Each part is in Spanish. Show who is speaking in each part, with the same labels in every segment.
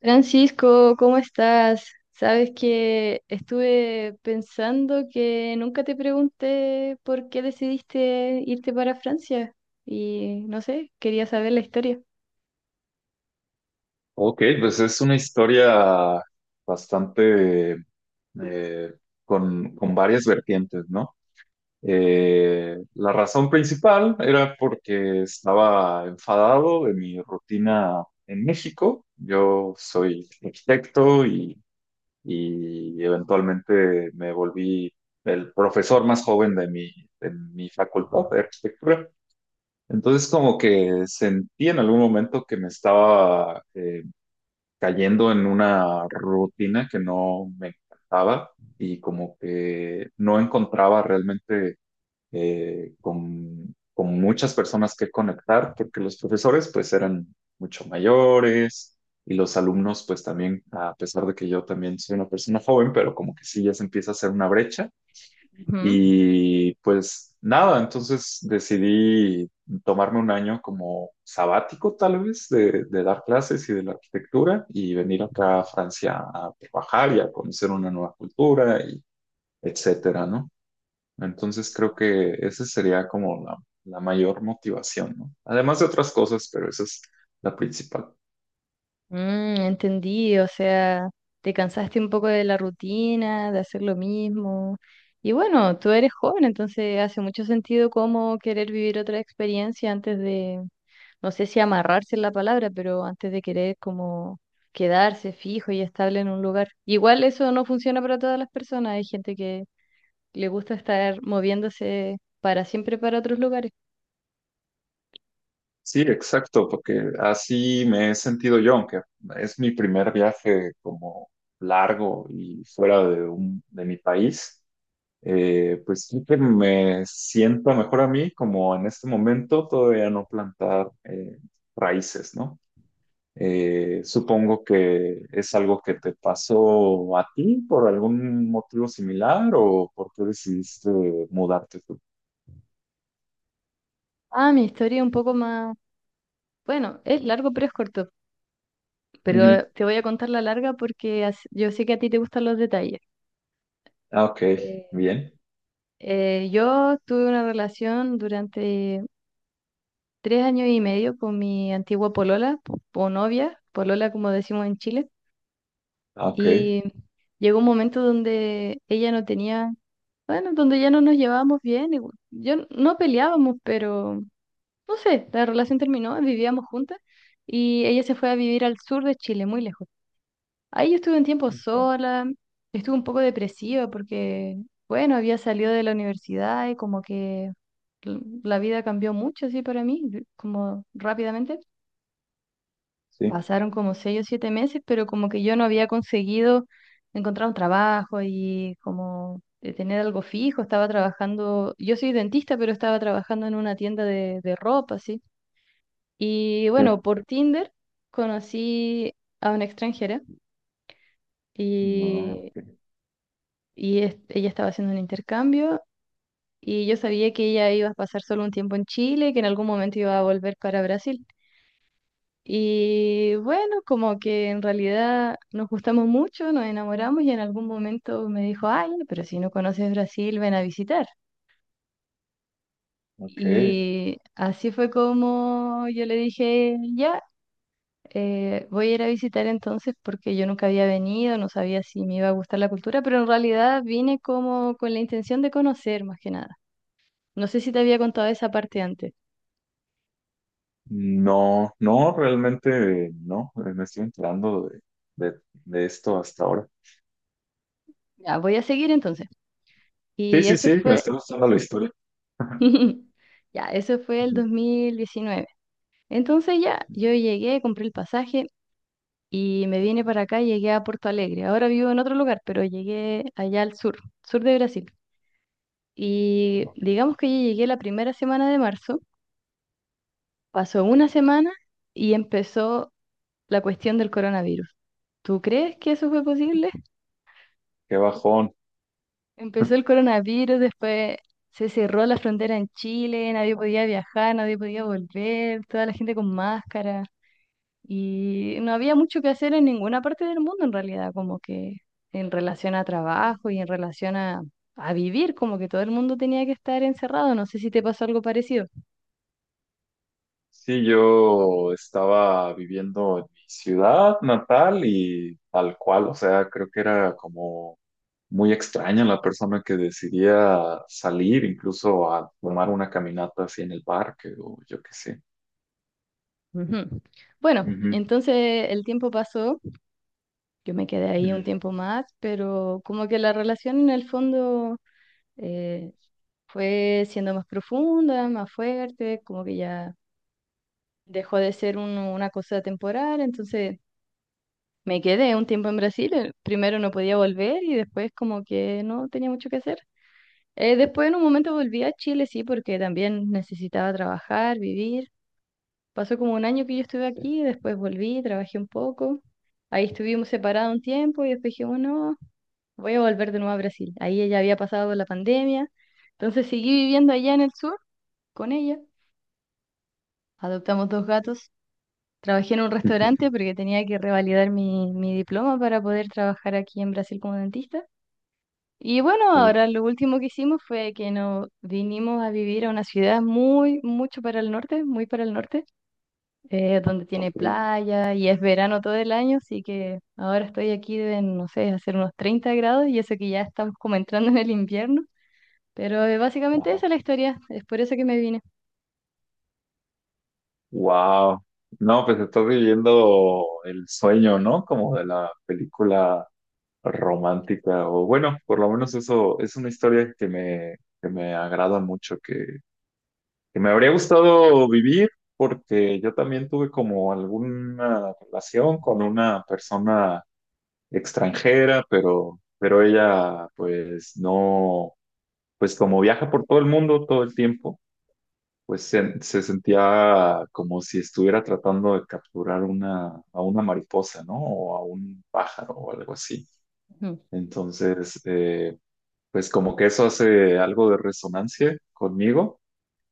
Speaker 1: Francisco, ¿cómo estás? Sabes que estuve pensando que nunca te pregunté por qué decidiste irte para Francia y no sé, quería saber la historia.
Speaker 2: Ok, pues es una historia bastante eh, con varias vertientes, ¿no? La razón principal era porque estaba enfadado de mi rutina en México. Yo soy arquitecto y eventualmente me volví el profesor más joven de mi facultad de arquitectura. Entonces como que sentí en algún momento que me estaba cayendo en una rutina que no me encantaba y como que no encontraba realmente con muchas personas que conectar, porque los profesores pues eran mucho mayores y los alumnos pues también, a pesar de que yo también soy una persona joven, pero como que sí ya se empieza a hacer una brecha
Speaker 1: Ujú.
Speaker 2: y pues nada, entonces decidí tomarme un año como sabático tal vez de dar clases y de la arquitectura y venir acá a Francia a trabajar y a conocer una nueva cultura y etcétera, ¿no? Entonces creo que esa sería como la mayor motivación, ¿no? Además de otras cosas, pero esa es la principal.
Speaker 1: Mm, entendí, o sea, te cansaste un poco de la rutina, de hacer lo mismo. Y bueno, tú eres joven, entonces hace mucho sentido como querer vivir otra experiencia antes de, no sé si amarrarse es la palabra, pero antes de querer como quedarse fijo y estable en un lugar. Igual eso no funciona para todas las personas, hay gente que le gusta estar moviéndose para siempre para otros lugares.
Speaker 2: Sí, exacto, porque así me he sentido yo, aunque es mi primer viaje como largo y fuera de mi país, pues sí que me sienta mejor a mí, como en este momento todavía no plantar raíces, ¿no? Supongo que es algo que te pasó a ti por algún motivo similar o por qué decidiste mudarte tú.
Speaker 1: Ah, mi historia es un poco más, bueno, es largo pero es corto.
Speaker 2: Ujú.
Speaker 1: Pero te voy a contar la larga porque yo sé que a ti te gustan los detalles.
Speaker 2: Ah, ok,
Speaker 1: Eh,
Speaker 2: bien.
Speaker 1: yo tuve una relación durante 3 años y medio con mi antigua polola o novia, polola como decimos en Chile,
Speaker 2: Ah, ok.
Speaker 1: y llegó un momento donde ella no tenía, bueno, donde ya no nos llevábamos bien, y bueno, yo no peleábamos, pero no sé, la relación terminó, vivíamos juntas y ella se fue a vivir al sur de Chile, muy lejos. Ahí yo estuve un tiempo
Speaker 2: Ok.
Speaker 1: sola, estuve un poco depresiva porque, bueno, había salido de la universidad y como que la vida cambió mucho así para mí, como rápidamente.
Speaker 2: Sí.
Speaker 1: Pasaron como seis o siete meses, pero como que yo no había conseguido encontrar un trabajo y como de tener algo fijo. Estaba trabajando, yo soy dentista, pero estaba trabajando en una tienda de ropa, así. Y
Speaker 2: Sí.
Speaker 1: bueno, por Tinder conocí a una extranjera.
Speaker 2: No,
Speaker 1: Y
Speaker 2: ok.
Speaker 1: y ella estaba haciendo un intercambio y yo sabía que ella iba a pasar solo un tiempo en Chile, que en algún momento iba a volver para Brasil. Y bueno, como que en realidad nos gustamos mucho, nos enamoramos y en algún momento me dijo, ay, pero si no conoces Brasil, ven a visitar.
Speaker 2: Ok.
Speaker 1: Y así fue como yo le dije, ya, voy a ir a visitar entonces porque yo nunca había venido, no sabía si me iba a gustar la cultura, pero en realidad vine como con la intención de conocer más que nada. No sé si te había contado esa parte antes.
Speaker 2: No, no, realmente no. Me estoy enterando de esto hasta ahora.
Speaker 1: Ya, voy a seguir entonces.
Speaker 2: Sí,
Speaker 1: Y
Speaker 2: sí,
Speaker 1: eso
Speaker 2: sí, me
Speaker 1: fue,
Speaker 2: está gustando la historia.
Speaker 1: ya, eso fue el
Speaker 2: Ujú.
Speaker 1: 2019. Entonces ya, yo llegué, compré el pasaje y me vine para acá, llegué a Porto Alegre. Ahora vivo en otro lugar, pero llegué allá al sur, sur de Brasil. Y
Speaker 2: Ok.
Speaker 1: digamos que yo llegué la primera semana de marzo, pasó una semana y empezó la cuestión del coronavirus. ¿Tú crees que eso fue posible?
Speaker 2: Qué bajón.
Speaker 1: Empezó el coronavirus, después se cerró la frontera en Chile, nadie podía viajar, nadie podía volver, toda la gente con máscara y no había mucho que hacer en ninguna parte del mundo en realidad, como que en relación a trabajo y en relación a vivir, como que todo el mundo tenía que estar encerrado, no sé si te pasó algo parecido.
Speaker 2: Sí, yo estaba viviendo en mi ciudad natal y tal cual, o sea, creo que era como muy extraña la persona que decidía salir incluso a tomar una caminata así en el parque o yo qué sé.
Speaker 1: Ujú. Bueno,
Speaker 2: Ujú,
Speaker 1: entonces el tiempo pasó, yo me quedé ahí un
Speaker 2: ujú,
Speaker 1: tiempo más, pero como que la relación en el fondo... eh, fue siendo más profunda, más fuerte, como que ya dejó de ser una cosa temporal, entonces me quedé un tiempo en Brasil, primero no podía volver y después como que no tenía mucho que hacer. Después en un momento volví a Chile, sí, porque también necesitaba trabajar, vivir. Pasó como un año que yo estuve
Speaker 2: sí.
Speaker 1: aquí, después volví, trabajé un poco. Ahí estuvimos separados un tiempo y después dije bueno, voy a volver de nuevo a Brasil. Ahí ella había pasado la pandemia, entonces seguí viviendo allá en el sur con ella. Adoptamos dos gatos. Trabajé en un restaurante porque tenía que revalidar mi diploma para poder trabajar aquí en Brasil como dentista. Y bueno,
Speaker 2: Sí,
Speaker 1: ahora lo último que hicimos fue que nos vinimos a vivir a una ciudad muy, mucho para el norte, muy para el norte, donde tiene
Speaker 2: ok.
Speaker 1: playa y es verano todo el año, así que ahora estoy aquí de, no sé, hacer unos 30 grados y eso que ya estamos como entrando en el invierno. Pero básicamente
Speaker 2: Ajá.
Speaker 1: esa es la historia, es por eso que me vine.
Speaker 2: Wow. No, pues estás viviendo el sueño, ¿no? Como de la película romántica, o bueno, por lo menos eso es una historia que me agrada mucho, que me habría gustado vivir, porque yo también tuve como alguna relación con una persona extranjera, pero ella, pues no, pues como viaja por todo el mundo todo el tiempo se sentía como si estuviera tratando de capturar a una mariposa, ¿no? O a un pájaro o algo así.
Speaker 1: Ujú,
Speaker 2: Entonces, pues como que eso hace algo de resonancia conmigo,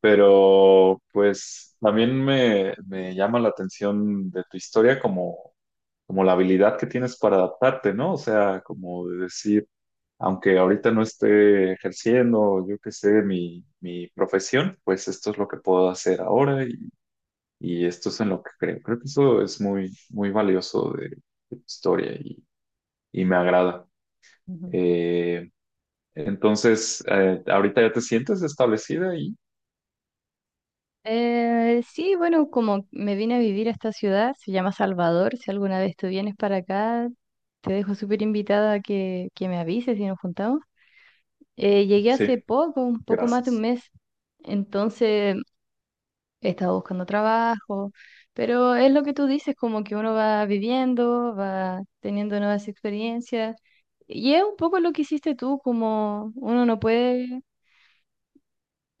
Speaker 2: pero pues también me llama la atención de tu historia como, como la habilidad que tienes para adaptarte, ¿no? O sea, como de decir, aunque ahorita no esté ejerciendo, yo qué sé, mi profesión, pues esto es lo que puedo hacer ahora y esto es en lo que creo. Creo que eso es muy, muy valioso de tu historia y me agrada.
Speaker 1: ujú.
Speaker 2: Eh, entonces, ahorita ya te sientes establecida y
Speaker 1: Sí, bueno, como me vine a vivir a esta ciudad, se llama Salvador, si alguna vez tú vienes para acá, te dejo súper invitada a que me avises si nos juntamos. Llegué
Speaker 2: sí,
Speaker 1: hace poco, un poco más de un
Speaker 2: gracias.
Speaker 1: mes, entonces he estado buscando trabajo, pero es lo que tú dices, como que uno va viviendo, va teniendo nuevas experiencias, y es un poco lo que hiciste tú, como uno no puede,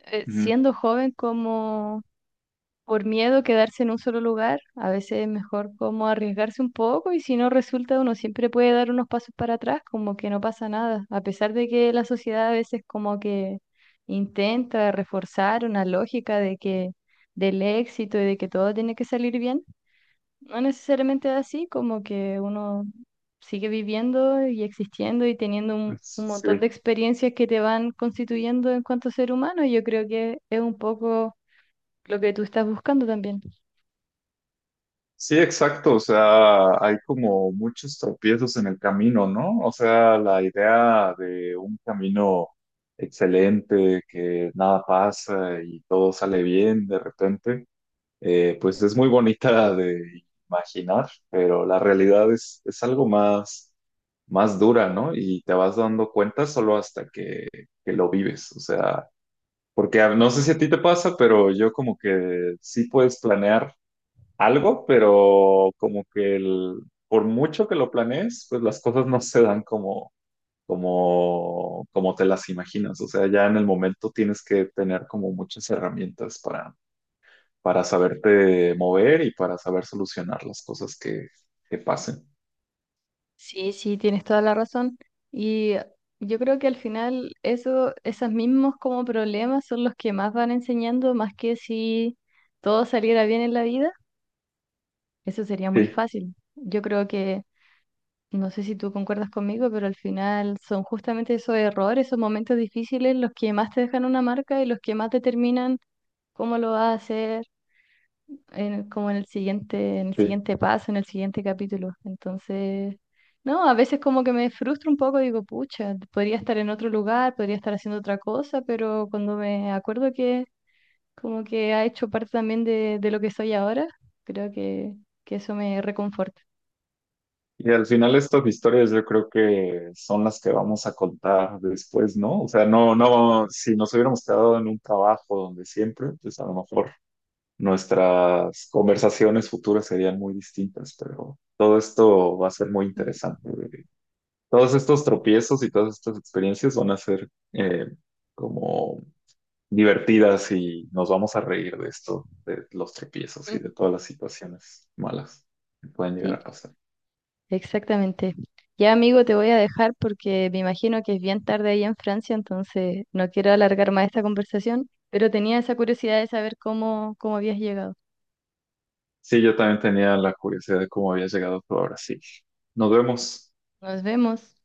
Speaker 2: Ujú.
Speaker 1: siendo joven, como por miedo a quedarse en un solo lugar, a veces es mejor como arriesgarse un poco y si no resulta uno siempre puede dar unos pasos para atrás, como que no pasa nada, a pesar de que la sociedad a veces como que intenta reforzar una lógica de que del éxito y de que todo tiene que salir bien, no necesariamente es así, como que uno sigue viviendo y existiendo y teniendo un montón
Speaker 2: Sí.
Speaker 1: de experiencias que te van constituyendo en cuanto ser humano y yo creo que es un poco lo que tú estás buscando también.
Speaker 2: Sí, exacto. O sea, hay como muchos tropiezos en el camino, ¿no? O sea, la idea de un camino excelente, que nada pasa y todo sale bien de repente pues es muy bonita de imaginar, pero la realidad es algo más, más dura, ¿no? Y te vas dando cuenta solo hasta que lo vives, o sea, porque no sé si a ti te pasa, pero yo como que sí puedes planear algo, pero como que por mucho que lo planees, pues las cosas no se dan como... Como, como te las imaginas, o sea, ya en el momento tienes que tener como muchas herramientas para saberte mover y para saber solucionar las cosas que pasen.
Speaker 1: Sí, sí, tienes toda la razón. Y yo creo que al final eso, esos mismos como problemas son los que más van enseñando, más que si todo saliera bien en la vida, eso sería muy
Speaker 2: Sí,
Speaker 1: fácil. Yo creo que, no sé si tú concuerdas conmigo, pero al final son justamente esos errores, esos momentos difíciles los que más te dejan una marca y los que más determinan cómo lo haces, como en el
Speaker 2: sí.
Speaker 1: siguiente paso, en el siguiente capítulo. Entonces, no, a veces como que me frustro un poco, digo, pucha, podría estar en otro lugar, podría estar haciendo otra cosa, pero cuando me acuerdo que como que ha hecho parte también de lo que soy ahora, creo que eso me reconforta.
Speaker 2: Y al final estas historias yo creo que son las que vamos a contar después, ¿no? O sea, no, no, si nos hubiéramos quedado en un trabajo donde siempre, pues a lo mejor nuestras conversaciones futuras serían muy distintas, pero todo esto va a ser muy
Speaker 1: Mm.
Speaker 2: interesante. Todos estos tropiezos y todas estas experiencias van a ser como divertidas y nos vamos a reír de esto, de los tropiezos y de todas las situaciones malas que pueden llegar a
Speaker 1: Sí,
Speaker 2: pasar.
Speaker 1: exactamente. Ya, amigo, te voy a dejar porque me imagino que es bien tarde ahí en Francia, entonces no quiero alargar más esta conversación, pero tenía esa curiosidad de saber cómo, cómo habías llegado.
Speaker 2: Sí, yo también tenía la curiosidad de cómo había llegado tú a Brasil. Nos vemos.
Speaker 1: Nos vemos.